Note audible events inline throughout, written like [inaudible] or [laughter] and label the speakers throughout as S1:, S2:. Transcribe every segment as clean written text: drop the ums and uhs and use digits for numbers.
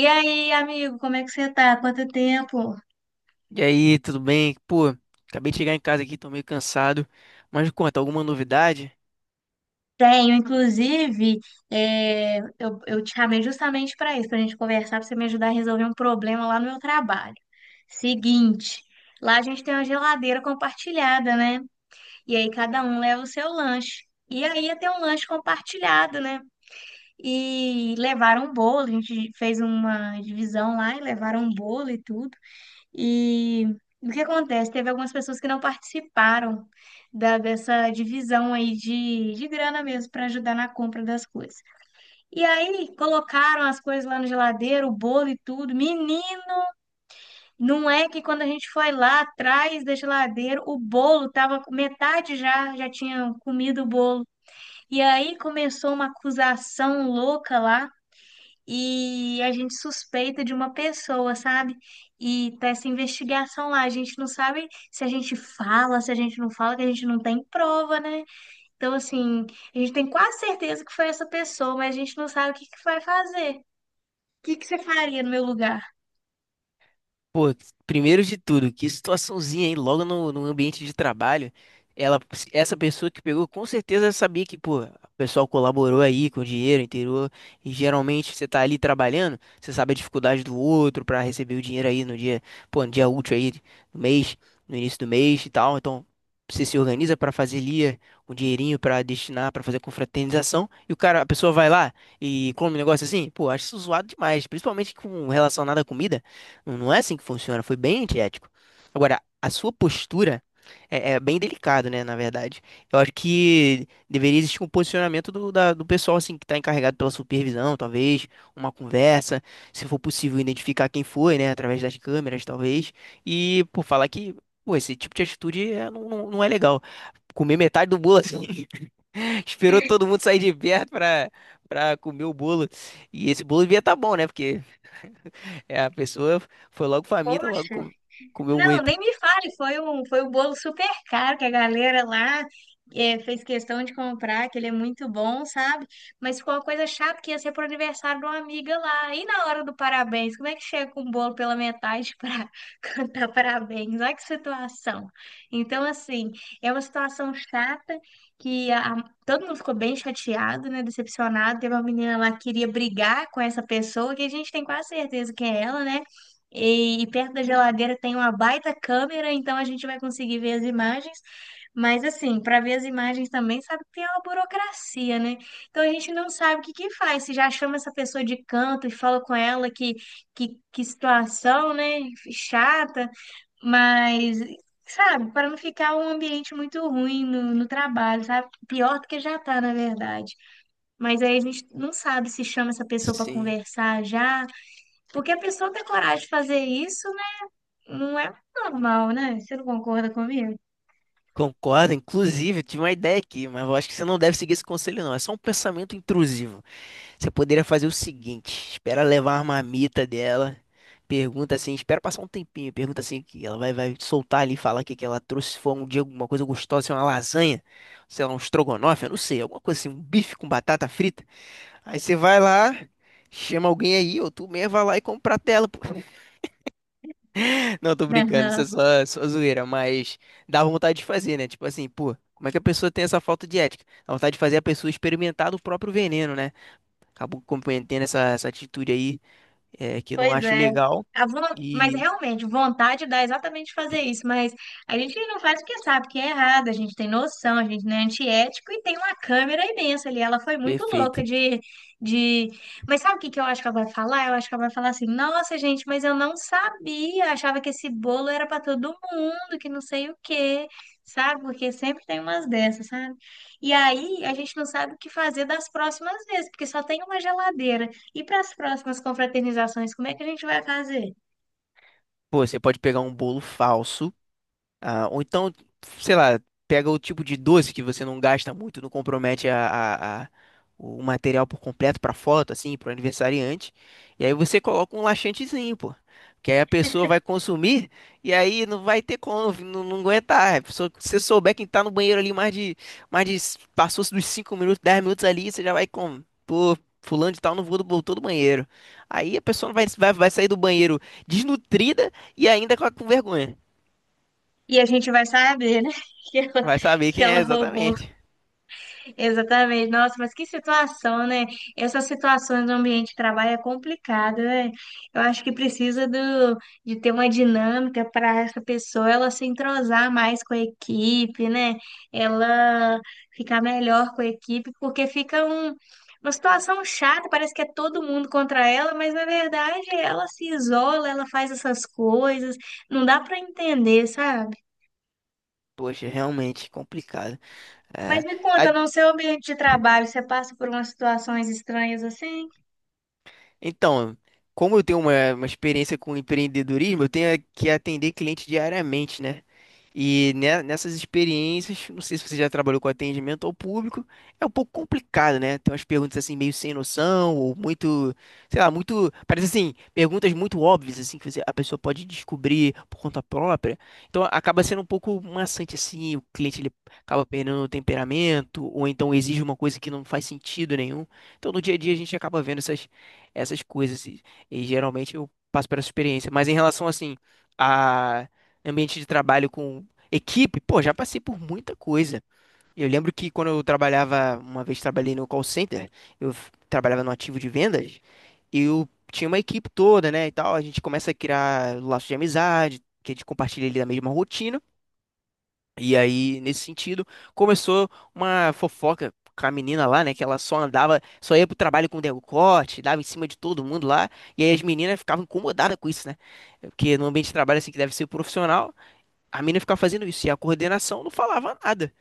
S1: E aí, amigo, como é que você tá? Quanto tempo?
S2: E aí, tudo bem? Pô, acabei de chegar em casa aqui, tô meio cansado. Mas me conta, alguma novidade?
S1: Tenho, inclusive, eu te chamei justamente para isso, para a gente conversar, para você me ajudar a resolver um problema lá no meu trabalho. Seguinte, lá a gente tem uma geladeira compartilhada, né? E aí cada um leva o seu lanche. E aí ia ter um lanche compartilhado, né? E levaram um bolo, a gente fez uma divisão lá e levaram um bolo e tudo. E o que acontece? Teve algumas pessoas que não participaram dessa divisão aí de grana mesmo para ajudar na compra das coisas. E aí colocaram as coisas lá na geladeira, o bolo e tudo. Menino, não é que quando a gente foi lá atrás da geladeira, o bolo tava com metade, já, já tinha comido o bolo. E aí começou uma acusação louca lá e a gente suspeita de uma pessoa, sabe? E tá essa investigação lá, a gente não sabe se a gente fala, se a gente não fala, que a gente não tem prova, né? Então, assim, a gente tem quase certeza que foi essa pessoa, mas a gente não sabe o que que vai fazer. O que que você faria no meu lugar?
S2: Pô, primeiro de tudo, que situaçãozinha, hein? Logo no ambiente de trabalho, ela, essa pessoa que pegou, com certeza sabia que, pô, o pessoal colaborou aí com o dinheiro, inteirou, e geralmente você tá ali trabalhando, você sabe a dificuldade do outro pra receber o dinheiro aí no dia, pô, no dia útil aí do mês, no início do mês e tal, então você se organiza pra fazer ali um dinheirinho pra destinar, pra fazer confraternização, e a pessoa vai lá e come um negócio assim, pô, acho isso zoado demais, principalmente com relacionado à comida. Não, não é assim que funciona. Foi bem antiético. Agora, a sua postura é bem delicado, né? Na verdade, eu acho que deveria existir um posicionamento do pessoal assim que está encarregado pela supervisão, talvez uma conversa, se for possível identificar quem foi, né? Através das câmeras, talvez, e por falar que pô, esse tipo de atitude não, não, não é legal. Comer metade do bolo assim, [laughs] esperou todo mundo sair de perto pra, pra comer o bolo. E esse bolo devia estar bom, né? Porque a pessoa foi logo faminta, logo
S1: Poxa.
S2: comeu
S1: Não,
S2: muito.
S1: nem me fale, foi foi um bolo super caro que a galera lá fez questão de comprar, que ele é muito bom, sabe? Mas ficou uma coisa chata que ia ser pro aniversário de uma amiga lá. E na hora do parabéns, como é que chega com um bolo pela metade [laughs] para cantar parabéns? Olha que situação. Então, assim, é uma situação chata que todo mundo ficou bem chateado, né? Decepcionado. Teve uma menina lá que queria brigar com essa pessoa, que a gente tem quase certeza que é ela, né? E perto da geladeira tem uma baita câmera, então a gente vai conseguir ver as imagens. Mas assim, para ver as imagens também, sabe que tem uma burocracia, né? Então a gente não sabe o que que faz. Se já chama essa pessoa de canto e fala com ela que situação, né? Chata, mas, sabe, para não ficar um ambiente muito ruim no trabalho, sabe? Pior do que já tá, na verdade. Mas aí a gente não sabe se chama essa pessoa para
S2: Sim.
S1: conversar já, porque a pessoa tem coragem de fazer isso não é normal, né? Você não concorda comigo?
S2: Concordo, inclusive, eu tive uma ideia aqui, mas eu acho que você não deve seguir esse conselho, não. É só um pensamento intrusivo. Você poderia fazer o seguinte: espera levar a marmita dela, pergunta assim, espera passar um tempinho, pergunta assim, que ela vai soltar ali e falar o que que ela trouxe, se for um dia alguma coisa gostosa, se é uma lasanha, sei lá, um estrogonofe, eu não sei, alguma coisa assim, um bife com batata frita. Aí você vai lá, chama alguém aí, ou tu mesmo vai lá e compra a tela, pô. Não, tô brincando, isso
S1: Não.
S2: é só, zoeira, mas dá vontade de fazer, né? Tipo assim, pô, como é que a pessoa tem essa falta de ética? Dá vontade de fazer a pessoa experimentar do próprio veneno, né? Acabou cometendo essa atitude aí, que eu não
S1: Pois
S2: acho
S1: é.
S2: legal.
S1: A von- Mas
S2: E
S1: realmente, vontade dá exatamente fazer isso, mas a gente não faz porque sabe que é errado, a gente tem noção, a gente não é antiético e tem uma câmera imensa ali. Ela foi muito louca
S2: perfeito.
S1: de, de... Mas sabe o que que eu acho que ela vai falar? Eu acho que ela vai falar assim, nossa, gente, mas eu não sabia, achava que esse bolo era para todo mundo, que não sei o quê, sabe? Porque sempre tem umas dessas, sabe? E aí a gente não sabe o que fazer das próximas vezes, porque só tem uma geladeira. E para as próximas confraternizações, como é que a gente vai fazer?
S2: Pô, você pode pegar um bolo falso. Ah, ou então, sei lá, pega o tipo de doce que você não gasta muito, não compromete o material por completo para foto, assim, para o aniversariante. E aí você coloca um laxantezinho, pô. Que aí a pessoa vai consumir e aí não vai ter como, não aguentar. Se você souber quem tá no banheiro ali mais de, passou dos 5 minutos, 10 minutos ali, você já vai com, pô, fulano de tal não vou- voltou do banheiro. Aí a pessoa vai sair do banheiro desnutrida e ainda com vergonha.
S1: E a gente vai saber, né, [laughs] que ela,
S2: Vai saber
S1: que
S2: quem
S1: ela
S2: é
S1: roubou.
S2: exatamente.
S1: Exatamente. Nossa, mas que situação, né? Essas situações no ambiente de trabalho é complicado, né? Eu acho que precisa de ter uma dinâmica para essa pessoa ela se entrosar mais com a equipe, né? Ela ficar melhor com a equipe, porque fica uma situação chata, parece que é todo mundo contra ela, mas na verdade ela se isola, ela faz essas coisas, não dá para entender, sabe?
S2: Poxa, realmente complicado. É.
S1: Mas me conta,
S2: A-
S1: no seu ambiente de trabalho, você passa por umas situações estranhas assim?
S2: Então, como eu tenho uma experiência com empreendedorismo, eu tenho que atender cliente diariamente, né? E nessas experiências, não sei se você já trabalhou com atendimento ao público, é um pouco complicado, né? Tem umas perguntas assim meio sem noção, ou muito, sei lá, muito, parece assim, perguntas muito óbvias assim que a pessoa pode descobrir por conta própria. Então acaba sendo um pouco maçante assim, o cliente ele acaba perdendo o temperamento, ou então exige uma coisa que não faz sentido nenhum. Então no dia a dia a gente acaba vendo essas coisas. E geralmente eu passo por essa experiência. Mas em relação, assim, a ambiente de trabalho com equipe, pô, já passei por muita coisa. Eu lembro que quando eu trabalhava, uma vez trabalhei no call center, trabalhava no ativo de vendas, eu tinha uma equipe toda, né, e tal. A gente começa a criar laços de amizade, que a gente compartilha ali da mesma rotina. E aí, nesse sentido, começou uma fofoca com a menina lá, né? Que ela só andava, só ia pro trabalho com decote, dava em cima de todo mundo lá. E aí as meninas ficavam incomodadas com isso, né? Porque no ambiente de trabalho, assim, que deve ser profissional, a menina ficava fazendo isso. E a coordenação não falava nada.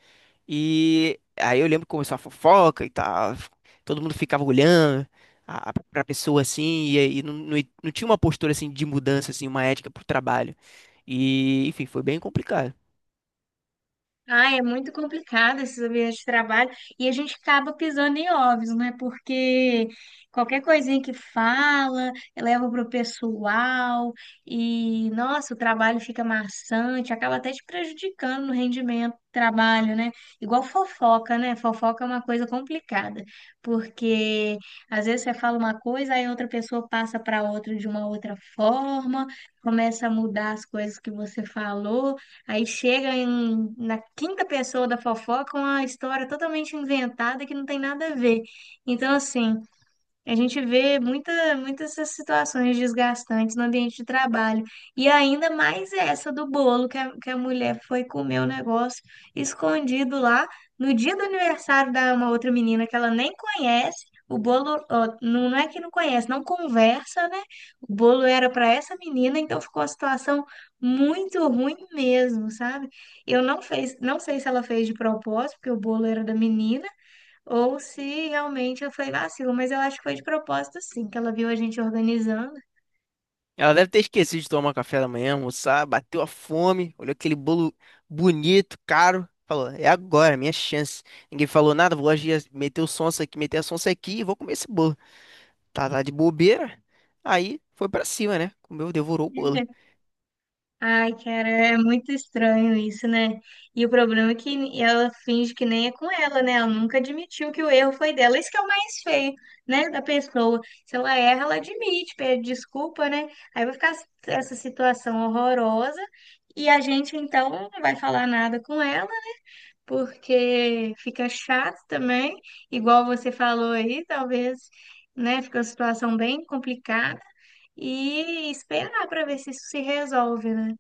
S2: E aí eu lembro que começou a fofoca e tal. Todo mundo ficava olhando pra pessoa, assim. E aí não tinha uma postura, assim, de mudança, assim, uma ética pro trabalho. E, enfim, foi bem complicado.
S1: Ai, é muito complicado esses ambientes de trabalho e a gente acaba pisando em ovos, né? Porque qualquer coisinha que fala, leva pro pessoal e, nossa, o trabalho fica maçante, acaba até te prejudicando no rendimento do trabalho, né? Igual fofoca, né? Fofoca é uma coisa complicada, porque às vezes você fala uma coisa, aí outra pessoa passa para outra de uma outra forma, começa a mudar as coisas que você falou. Aí na quinta pessoa da fofoca uma história totalmente inventada que não tem nada a ver. Então, assim, a gente vê muitas essas situações desgastantes no ambiente de trabalho. E ainda mais essa do bolo, que a mulher foi comer o negócio escondido lá no dia do aniversário da uma outra menina que ela nem conhece. O bolo, ó, não é que não conhece, não conversa, né? O bolo era para essa menina, então ficou a situação muito ruim mesmo, sabe? Eu não fez, não sei se ela fez de propósito, porque o bolo era da menina. Ou se realmente foi vacilo, mas eu acho que foi de propósito, sim, que ela viu a gente organizando.
S2: Ela deve ter esquecido de tomar café da manhã, almoçar, bateu a fome, olhou aquele bolo bonito, caro, falou: É agora, minha chance. Ninguém falou nada, vou agir, meter o sonso aqui, meter a sonsa aqui e vou comer esse bolo. Tá, tá de bobeira. Aí foi pra cima, né? Comeu, devorou o bolo.
S1: [laughs] Ai, cara, é muito estranho isso, né? E o problema é que ela finge que nem é com ela, né? Ela nunca admitiu que o erro foi dela. Isso que é o mais feio, né? Da pessoa. Se ela erra, ela admite, pede desculpa, né? Aí vai ficar essa situação horrorosa e a gente então não vai falar nada com ela. Porque fica chato também, igual você falou aí, talvez, né, fica uma situação bem complicada e esperar para ver se isso se resolve, né?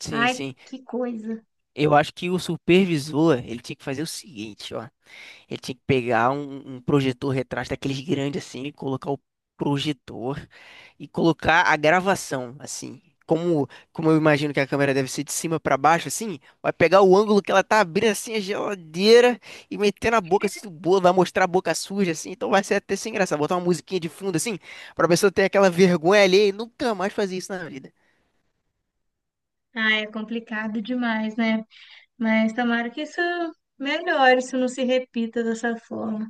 S2: Sim,
S1: Ai,
S2: sim.
S1: que coisa.
S2: Eu acho que o supervisor, ele tinha que fazer o seguinte, ó. Ele tinha que pegar um projetor retrátil daqueles grandes assim, colocar o projetor e colocar a gravação assim. Como eu imagino que a câmera deve ser de cima para baixo, assim, vai pegar o ângulo que ela tá abrindo assim a geladeira e meter na boca, assim, do bolo, vai mostrar a boca suja, assim, então vai ser até sem graça. Botar uma musiquinha de fundo, assim, pra pessoa ter aquela vergonha ali e nunca mais fazer isso na vida.
S1: Ai, é complicado demais, né? Mas tomara que isso melhore, isso não se repita dessa forma.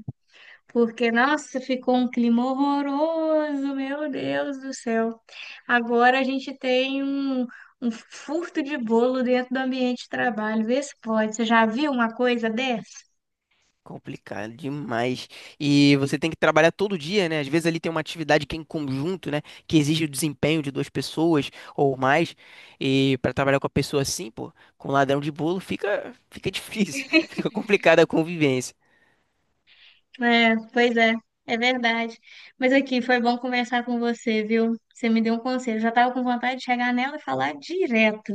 S1: Porque, nossa, ficou um clima horroroso, meu Deus do céu. Agora a gente tem um furto de bolo dentro do ambiente de trabalho. Vê se pode. Você já viu uma coisa dessa?
S2: Complicado demais. E você tem que trabalhar todo dia, né? Às vezes ali tem uma atividade que é em conjunto, né? Que exige o desempenho de 2 pessoas ou mais. E para trabalhar com a pessoa assim, pô, com ladrão de bolo, fica difícil. [laughs] Fica complicada a convivência.
S1: É, pois é, é verdade. Mas aqui, foi bom conversar com você, viu? Você me deu um conselho. Já estava com vontade de chegar nela e falar direto.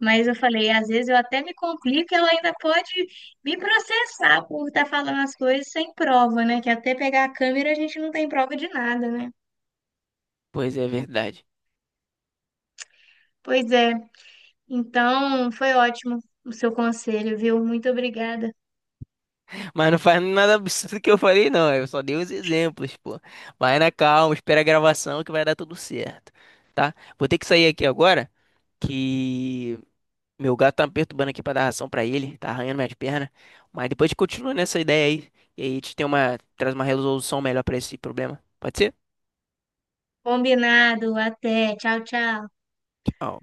S1: Mas eu falei, às vezes eu até me complico, e ela ainda pode me processar por estar falando as coisas sem prova, né? Que até pegar a câmera a gente não tem prova de nada, né?
S2: Pois é, é verdade.
S1: Pois é. Então, foi ótimo o seu conselho, viu? Muito obrigada.
S2: Mas não faz nada absurdo que eu falei, não. Eu só dei os exemplos, pô. Vai na calma, espera a gravação que vai dar tudo certo, tá? Vou ter que sair aqui agora, que meu gato tá me perturbando aqui pra dar ração pra ele, tá arranhando minhas pernas. Mas depois a gente continua nessa ideia aí. E aí a gente traz uma resolução melhor pra esse problema. Pode ser?
S1: Combinado. Até. Tchau, tchau.
S2: Tchau.